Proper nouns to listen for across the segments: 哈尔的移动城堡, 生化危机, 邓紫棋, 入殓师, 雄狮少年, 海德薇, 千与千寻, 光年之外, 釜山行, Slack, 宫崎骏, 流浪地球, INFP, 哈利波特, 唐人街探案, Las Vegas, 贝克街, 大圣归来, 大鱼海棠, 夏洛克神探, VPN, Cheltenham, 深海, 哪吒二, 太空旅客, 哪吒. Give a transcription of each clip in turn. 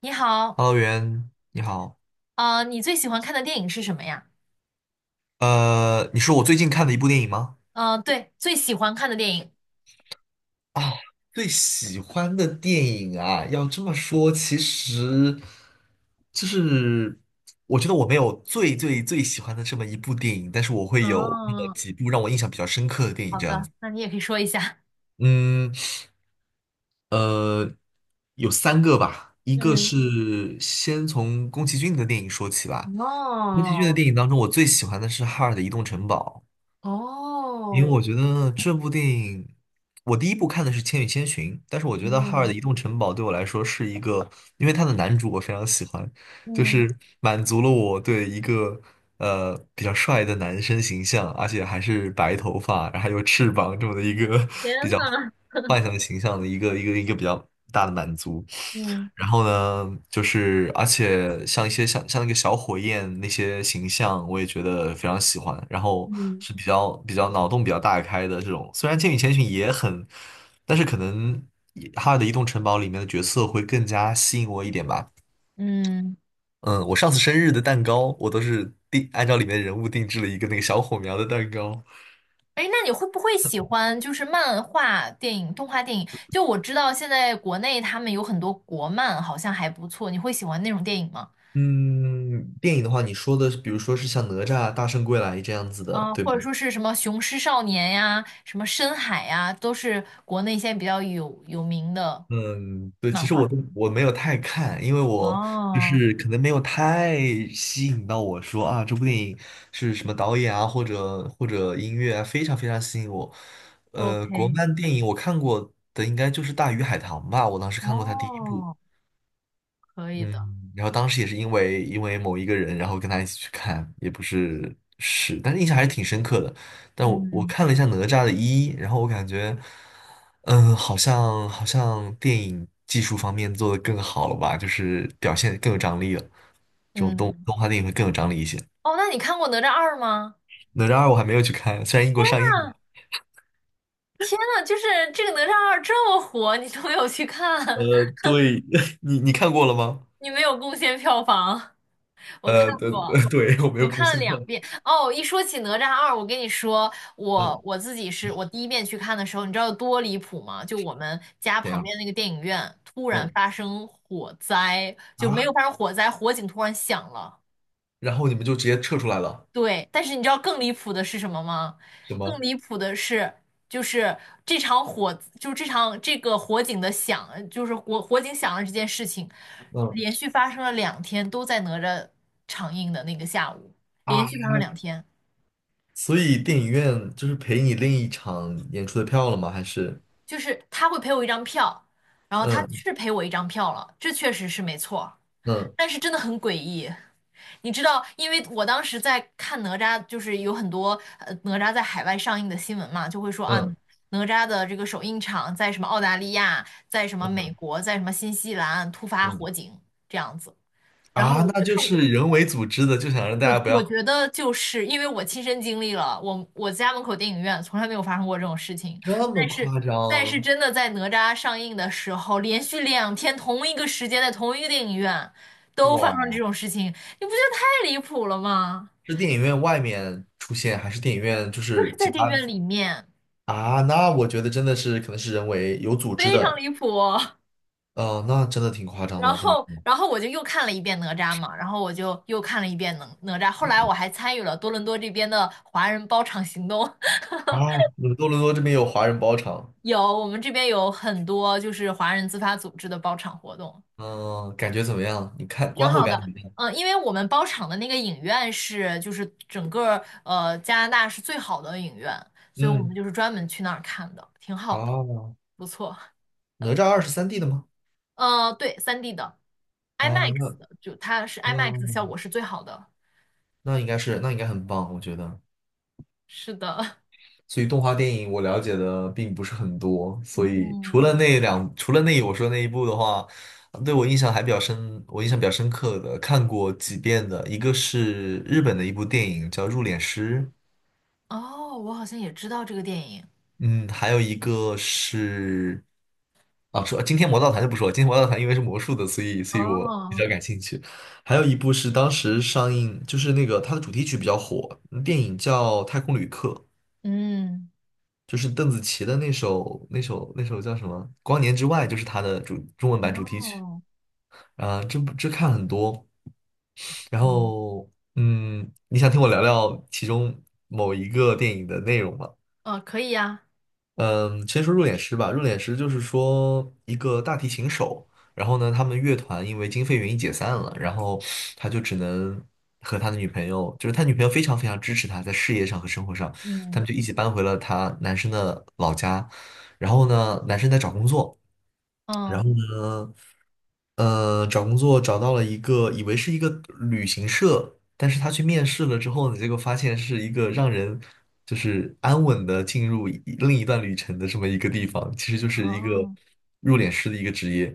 你好，Hello，袁，你好。你最喜欢看的电影是什么呀？你说我最近看的一部电影吗？嗯，对，最喜欢看的电影。啊，最喜欢的电影啊，要这么说，其实就是我觉得我没有最最最喜欢的这么一部电影，但是我会有那么哦，几部让我印象比较深刻的电影好这样的，子。那你也可以说一下。嗯，呃，有三个吧，一个嗯，是先从宫崎骏的电影说起吧。宫崎骏的哦，电影当中，我最喜欢的是《哈尔的移动城堡》。因为哦，我觉得这部电影，我第一部看的是《千与千寻》，但是我觉得《哈尔的嗯移动城堡》对我来说是一个，因为他的男主我非常喜欢，就嗯，是满足了我对一个比较帅的男生形象，而且还是白头发，然后还有翅膀这么的一个 比天较呐，幻想的形象的一个比较大的满足。嗯然后呢，就是而且像一些像那个小火焰那些形象，我也觉得非常喜欢。然后嗯是比较脑洞比较大开的这种，虽然《千与千寻》也很，但是可能也哈尔的移动城堡》里面的角色会更加吸引我一点吧。嗯，嗯，我上次生日的蛋糕，我都是定按照里面人物定制了一个那个小火苗的蛋糕。哎，那你会不会喜欢就是漫画电影、动画电影？就我知道现在国内他们有很多国漫，好像还不错。你会喜欢那种电影吗？嗯，电影的话，你说的是比如说是像哪吒、大圣归来这样子的，嗯、对吗？或者说是什么《雄狮少年》呀，什么《深海》呀，都是国内现在比较有名的嗯，对，其漫实画。我没有太看，因为我就哦是可能没有太吸引到我说啊，这部电影是什么导演啊，或者音乐啊，非常非常吸引我。国，OK,漫电影我看过的应该就是《大鱼海棠》吧，我当时看过它第一部。哦，可以的。嗯，然后当时也是因为某一个人，然后跟他一起去看，也不是是，但是印象还是挺深刻的。但我嗯看了一下哪吒的一，然后我感觉，嗯，好像电影技术方面做的更好了吧，就是表现更有张力了。这种动嗯，动画电影会更有张力一些。哦，那你看过《哪吒二》吗？哪吒二我还没有去看，虽然英国上映了。天呐，就是这个《哪吒二》这么火，你都没有去看，对，你看过了吗？你没有贡献票房。我看对，过，对，我没我有更看了新到。两遍哦。一说起《哪吒二》，我跟你说，嗯，我自己是我第一遍去看的时候，你知道有多离谱吗？就我们家怎旁样？边那个电影院突然嗯发生火灾，就没有啊，发生火灾，火警突然响了。然后你们就直接撤出来了，对，但是你知道更离谱的是什么吗？是更吗？离谱的是，就是这场火，就是这场这个火警的响，就是火警响了这件事情，嗯，连续发生了两天，都在哪吒上映的那个下午，连啊，续发生了两天。所以电影院就是赔你另一场演出的票了吗？还是就是他会赔我一张票，然后他嗯是赔我一张票了，这确实是没错，嗯但是真的很诡异。你知道，因为我当时在看哪吒，就是有很多哪吒在海外上映的新闻嘛，就会说啊，嗯哪吒的这个首映场在什么澳大利亚，在什么嗯美国，在什么新西兰突发嗯火警这样子。然后啊，我那就就看，是人为组织的，就想让大我家不要我觉得就是因为我亲身经历了，我家门口电影院从来没有发生过这种事情，这么但是夸但是张。真的在哪吒上映的时候，连续两天同一个时间在同一个电影院都发生哇！这种事情，你不觉得太离谱了吗？是电影院外面出现，还是电影院就就是是在其电影他的？院里面，啊？那我觉得真的是可能是人为有组织非常的。离谱。哦、那真的挺夸张然的，这么后说。然后我就又看了一遍哪吒嘛，然后我就又看了一遍哪吒，后来我还参与了多伦多这边的华人包场行动。啊！你们多伦多这边有华人包场，有，我们这边有很多就是华人自发组织的包场活动，嗯、感觉怎么样？你看挺观后好感怎的。么样？嗯，因为我们包场的那个影院是就是整个加拿大是最好的影院，所以我们嗯就是专门去那儿看的，挺好的，啊。不错。哪吒二是 3D 的吗？对三 d 的 啊，IMAX 那的，就它是 IMAX 的效嗯，果是最好的。那应该是，那应该很棒，我觉得。是的，所以动画电影我了解的并不是很多，所以除嗯，了那两，除了那我说那一部的话，对我印象还比较深，我印象比较深刻的看过几遍的，一个是日本的一部电影叫《入殓师》，哦，我好像也知道这个电影。嗯，还有一个是，啊，说今天魔盗团就不说了，今天魔盗团因为是魔术的，所以我比哦，较感兴趣。还有一部是当时上映，就是那个它的主题曲比较火，电影叫《太空旅客》，嗯，就是邓紫棋的那首叫什么《光年之外》，就是它的主中文版主题曲。哦，啊，这部这看很多，然嗯，后嗯，你想听我聊聊其中某一个电影的内容吗？可以呀，嗯，先说入殓师吧。入殓师就是说一个大提琴手，然后呢，他们乐团因为经费原因解散了，然后他就只能和他的女朋友，就是他女朋友非常非常支持他在事业上和生活上，他嗯。们就一起搬回了他男生的老家。然后呢，男生在找工作，然嗯，后呢，找工作找到了一个，以为是一个旅行社，但是他去面试了之后呢，结果发现是一个让人就是安稳的进入一另一段旅程的这么一个地方，其实就是一个哦入殓师的一个职业。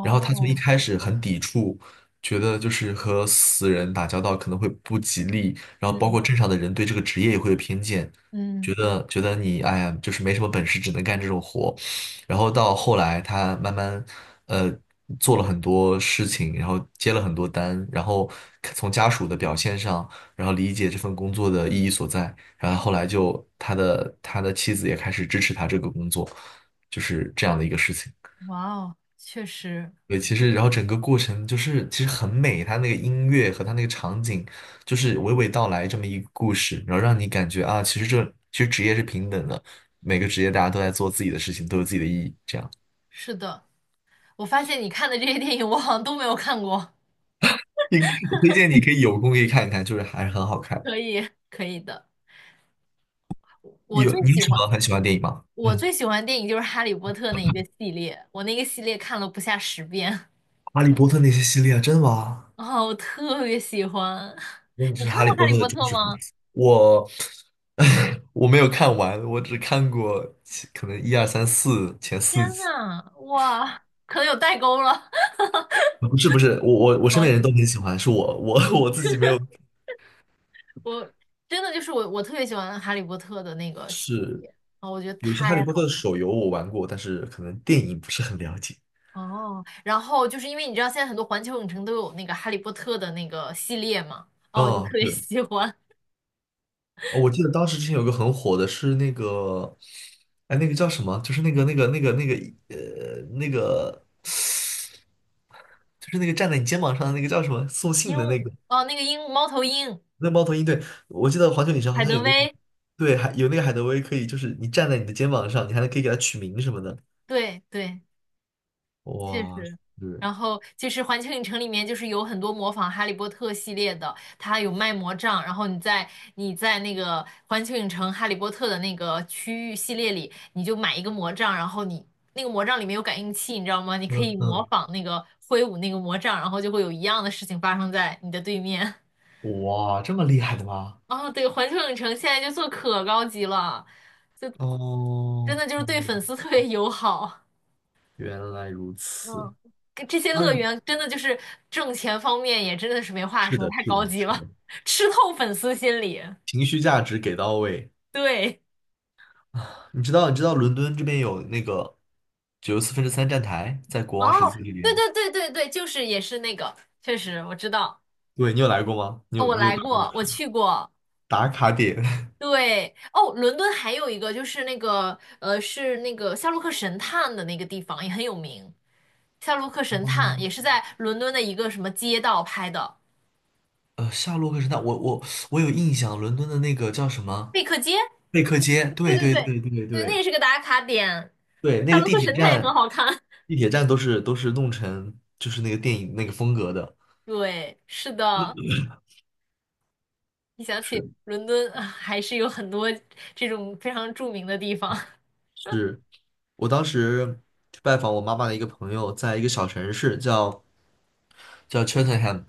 然后他从一开始很抵触，觉得就是和死人打交道可能会不吉利，然后包嗯括镇上的人对这个职业也会有偏见，嗯，觉得你哎呀，就是没什么本事，只能干这种活。然后到后来他慢慢呃做了很多事情，然后接了很多单，然后从家属的表现上，然后理解这份工作的意义所在，然后后来就他的妻子也开始支持他这个工作，就是这样的一个事情。哇哦，确实对，其实然后整个过程就是其实很美，他那个音乐和他那个场景，就是娓娓道来这么一个故事，然后让你感觉啊，其实这其实职业是平等的，每个职业大家都在做自己的事情，都有自己的意义，这样。是的。我发现你看的这些电影，我好像都没有看过。你我推荐你可以有空可以看一看，就是还是很好看。可以，可以的。我有最你有喜什欢么很喜欢的电影吗？我嗯，最喜欢的电影就是《哈利波特》那一个系列，我那个系列看了不下10遍。哈利波特那些系列啊，真的吗？啊，我特别喜欢。我你你是看哈利过《哈波利特的波特》忠实粉吗？丝。我 我没有看完，我只看过其可能一二三四前四天集。呐，哇，可能有代沟了。不是不是，我身好喜边人都欢很喜欢，是我 我自己没有。我真的就是我特别喜欢《哈利波特》的那个系列啊，我觉得有些太哈利波特好。的手游我玩过，但是可能电影不是很了解。哦，然后就是因为你知道现在很多环球影城都有那个《哈利波特》的那个系列嘛，哦，我就特哦，别是喜欢哦，我记得当时之前有个很火的是那个，哎，那个叫什么？就是那个那个，就是那个站在你肩膀上的那个叫什么送鹦信的那鹉，个哦，那个鹦鹉猫头鹰，那猫头鹰。对，我记得环球影城好海像德有那个，薇，对，还有那个海德薇可以，就是你站在你的肩膀上，你还能可以给它取名什么的。对对，确哇，实，是，然后就是环球影城里面就是有很多模仿《哈利波特》系列的，它有卖魔杖，然后你在那个环球影城《哈利波特》的那个区域系列里，你就买一个魔杖，然后你那个魔杖里面有感应器，你知道吗？你可嗯以模嗯，仿那个挥舞那个魔杖，然后就会有一样的事情发生在你的对面。哇，这么厉害的吗？哦，对，环球影城现在就做可高级了，真哦，的就是对粉嗯丝特别友好。原来如此。嗯，跟这些它乐园真的就是挣钱方面也真的是没话是说，的，太是的，高级是了，的，吃透粉丝心理。情绪价值给到位。对，你知道，你知道伦敦这边有那个九十四分之三站台，在国哦，王十字这对边。对对对对，就是也是那个，确实我知道，对，你有来过吗？你哦有我你有来打过过，我卡去过。打卡点？对，哦，伦敦还有一个就是那个，是那个夏洛克神探的那个地方也很有名，夏洛克神探嗯也是在伦敦的一个什么街道拍的，夏洛克神探，我有印象，伦敦的那个叫什贝么克街。贝克街？对对对对对，对对对，那也对是个打卡点。对，那夏个洛地克铁神探也很站，好看。地铁站都是弄成就是那个电影那个风格的，对，是的，一想是起伦敦，啊还是有很多这种非常著名的地方。是我当时去拜访我妈妈的一个朋友，在一个小城市叫 Cheltenham，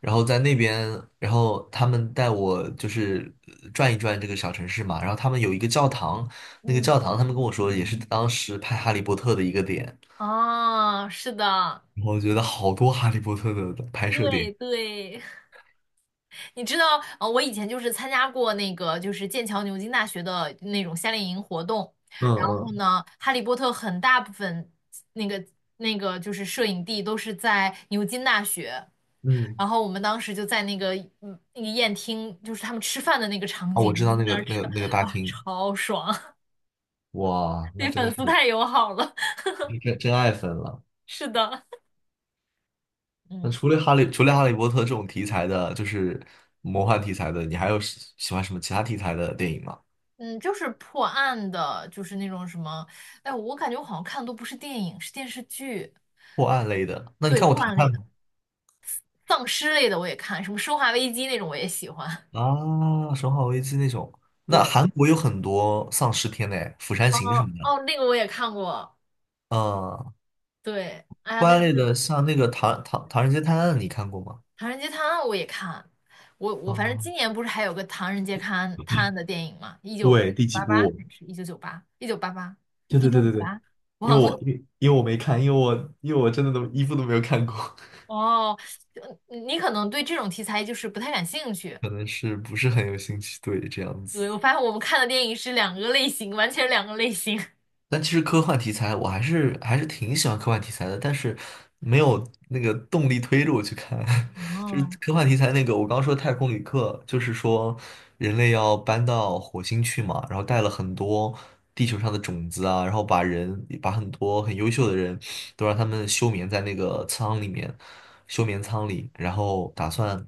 然后在那边，然后他们带我就是转一转这个小城市嘛，然后他们有一个教堂，那个嗯，教堂他们跟我说也是当时拍《哈利波特》的一个点，哦，是的，然后我觉得好多《哈利波特》的拍摄对点。对，你知道，我以前就是参加过那个，就是剑桥牛津大学的那种夏令营活动，嗯然后嗯呢，《哈利波特》很大部分那个那个就是摄影地都是在牛津大学，嗯，然后我们当时就在那个那个宴厅，就是他们吃饭的那个场啊，景，我我知们就道在那个那儿那吃个饭，那个大哇，厅，超爽，哇，那对真的粉是丝太友好了，真真爱粉了。是的。那嗯除了哈利，除了哈利波特这种题材的，就是魔幻题材的，你还有喜欢什么其他题材的电影吗？嗯，就是破案的，就是那种什么，哎，我感觉我好像看的都不是电影，是电视剧。破案类的？那你对，看过破《唐案探》类的。吗？丧尸类的我也看，什么《生化危机》那种我也喜欢。啊，《生化危机》那种。那对，韩国有很多丧尸片嘞，《釜山行》什么哦的。哦，那个我也看过。嗯，对，哎呀，破但案类是的，像那个《唐人街探案》，你看过吗？《唐人街探案》我也看。我反正今啊，年不是还有个《唐人街探案》探案的电影吗？一九对，第几八八还部？是1998？一九八八？对一对九对五对对，八？因忘为了。我因为因为我没看，因为我真的都一部都没有看过，哦，你可能对这种题材就是不太感兴趣。可能是不是很有兴趣，对，这样子。对，我发现我们看的电影是两个类型，完全两个类型。但其实科幻题材我还是挺喜欢科幻题材的，但是没有那个动力推着我去看。就是哦，科幻题材那个，我刚说太空旅客，就是说人类要搬到火星去嘛，然后带了很多地球上的种子啊，然后把人把很多很优秀的人都让他们休眠在那个舱里面，休眠舱里，然后打算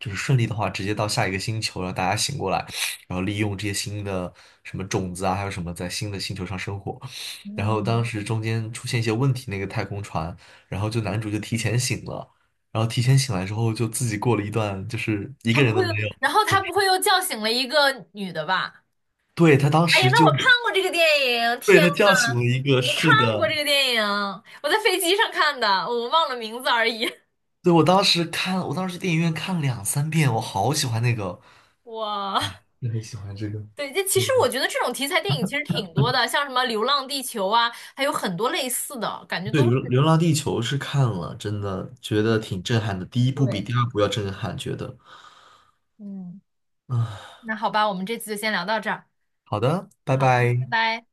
就是顺利的话，直接到下一个星球，让大家醒过来。然后利用这些新的什么种子啊，还有什么在新的星球上生活。然后嗯。当时中间出现一些问题，那个太空船，然后就男主就提前醒了，然后提前醒来之后就自己过了一段就是一他个不人会都又，没然有。后他不会又叫醒了一个女的吧？对，他当哎呀，时那就，我看过这个电影，被天他叫醒呐，了一个，我看是过的，这个电影，我在飞机上看的，我忘了名字而已。对，我当时看，我当时电影院看了两三遍，我好喜欢那个，哇，也很喜欢这个。对，这其实我嗯觉得这种题材电影其实挺多的，像什么《流浪地球》啊，还有很多类似的，感觉对，都是流《流浪地球》是看了，真的觉得挺震撼的。第一部比对。第二部要震撼，觉得嗯，啊。那好吧，我们这次就先聊到这儿。好的，拜好的，拜拜。拜。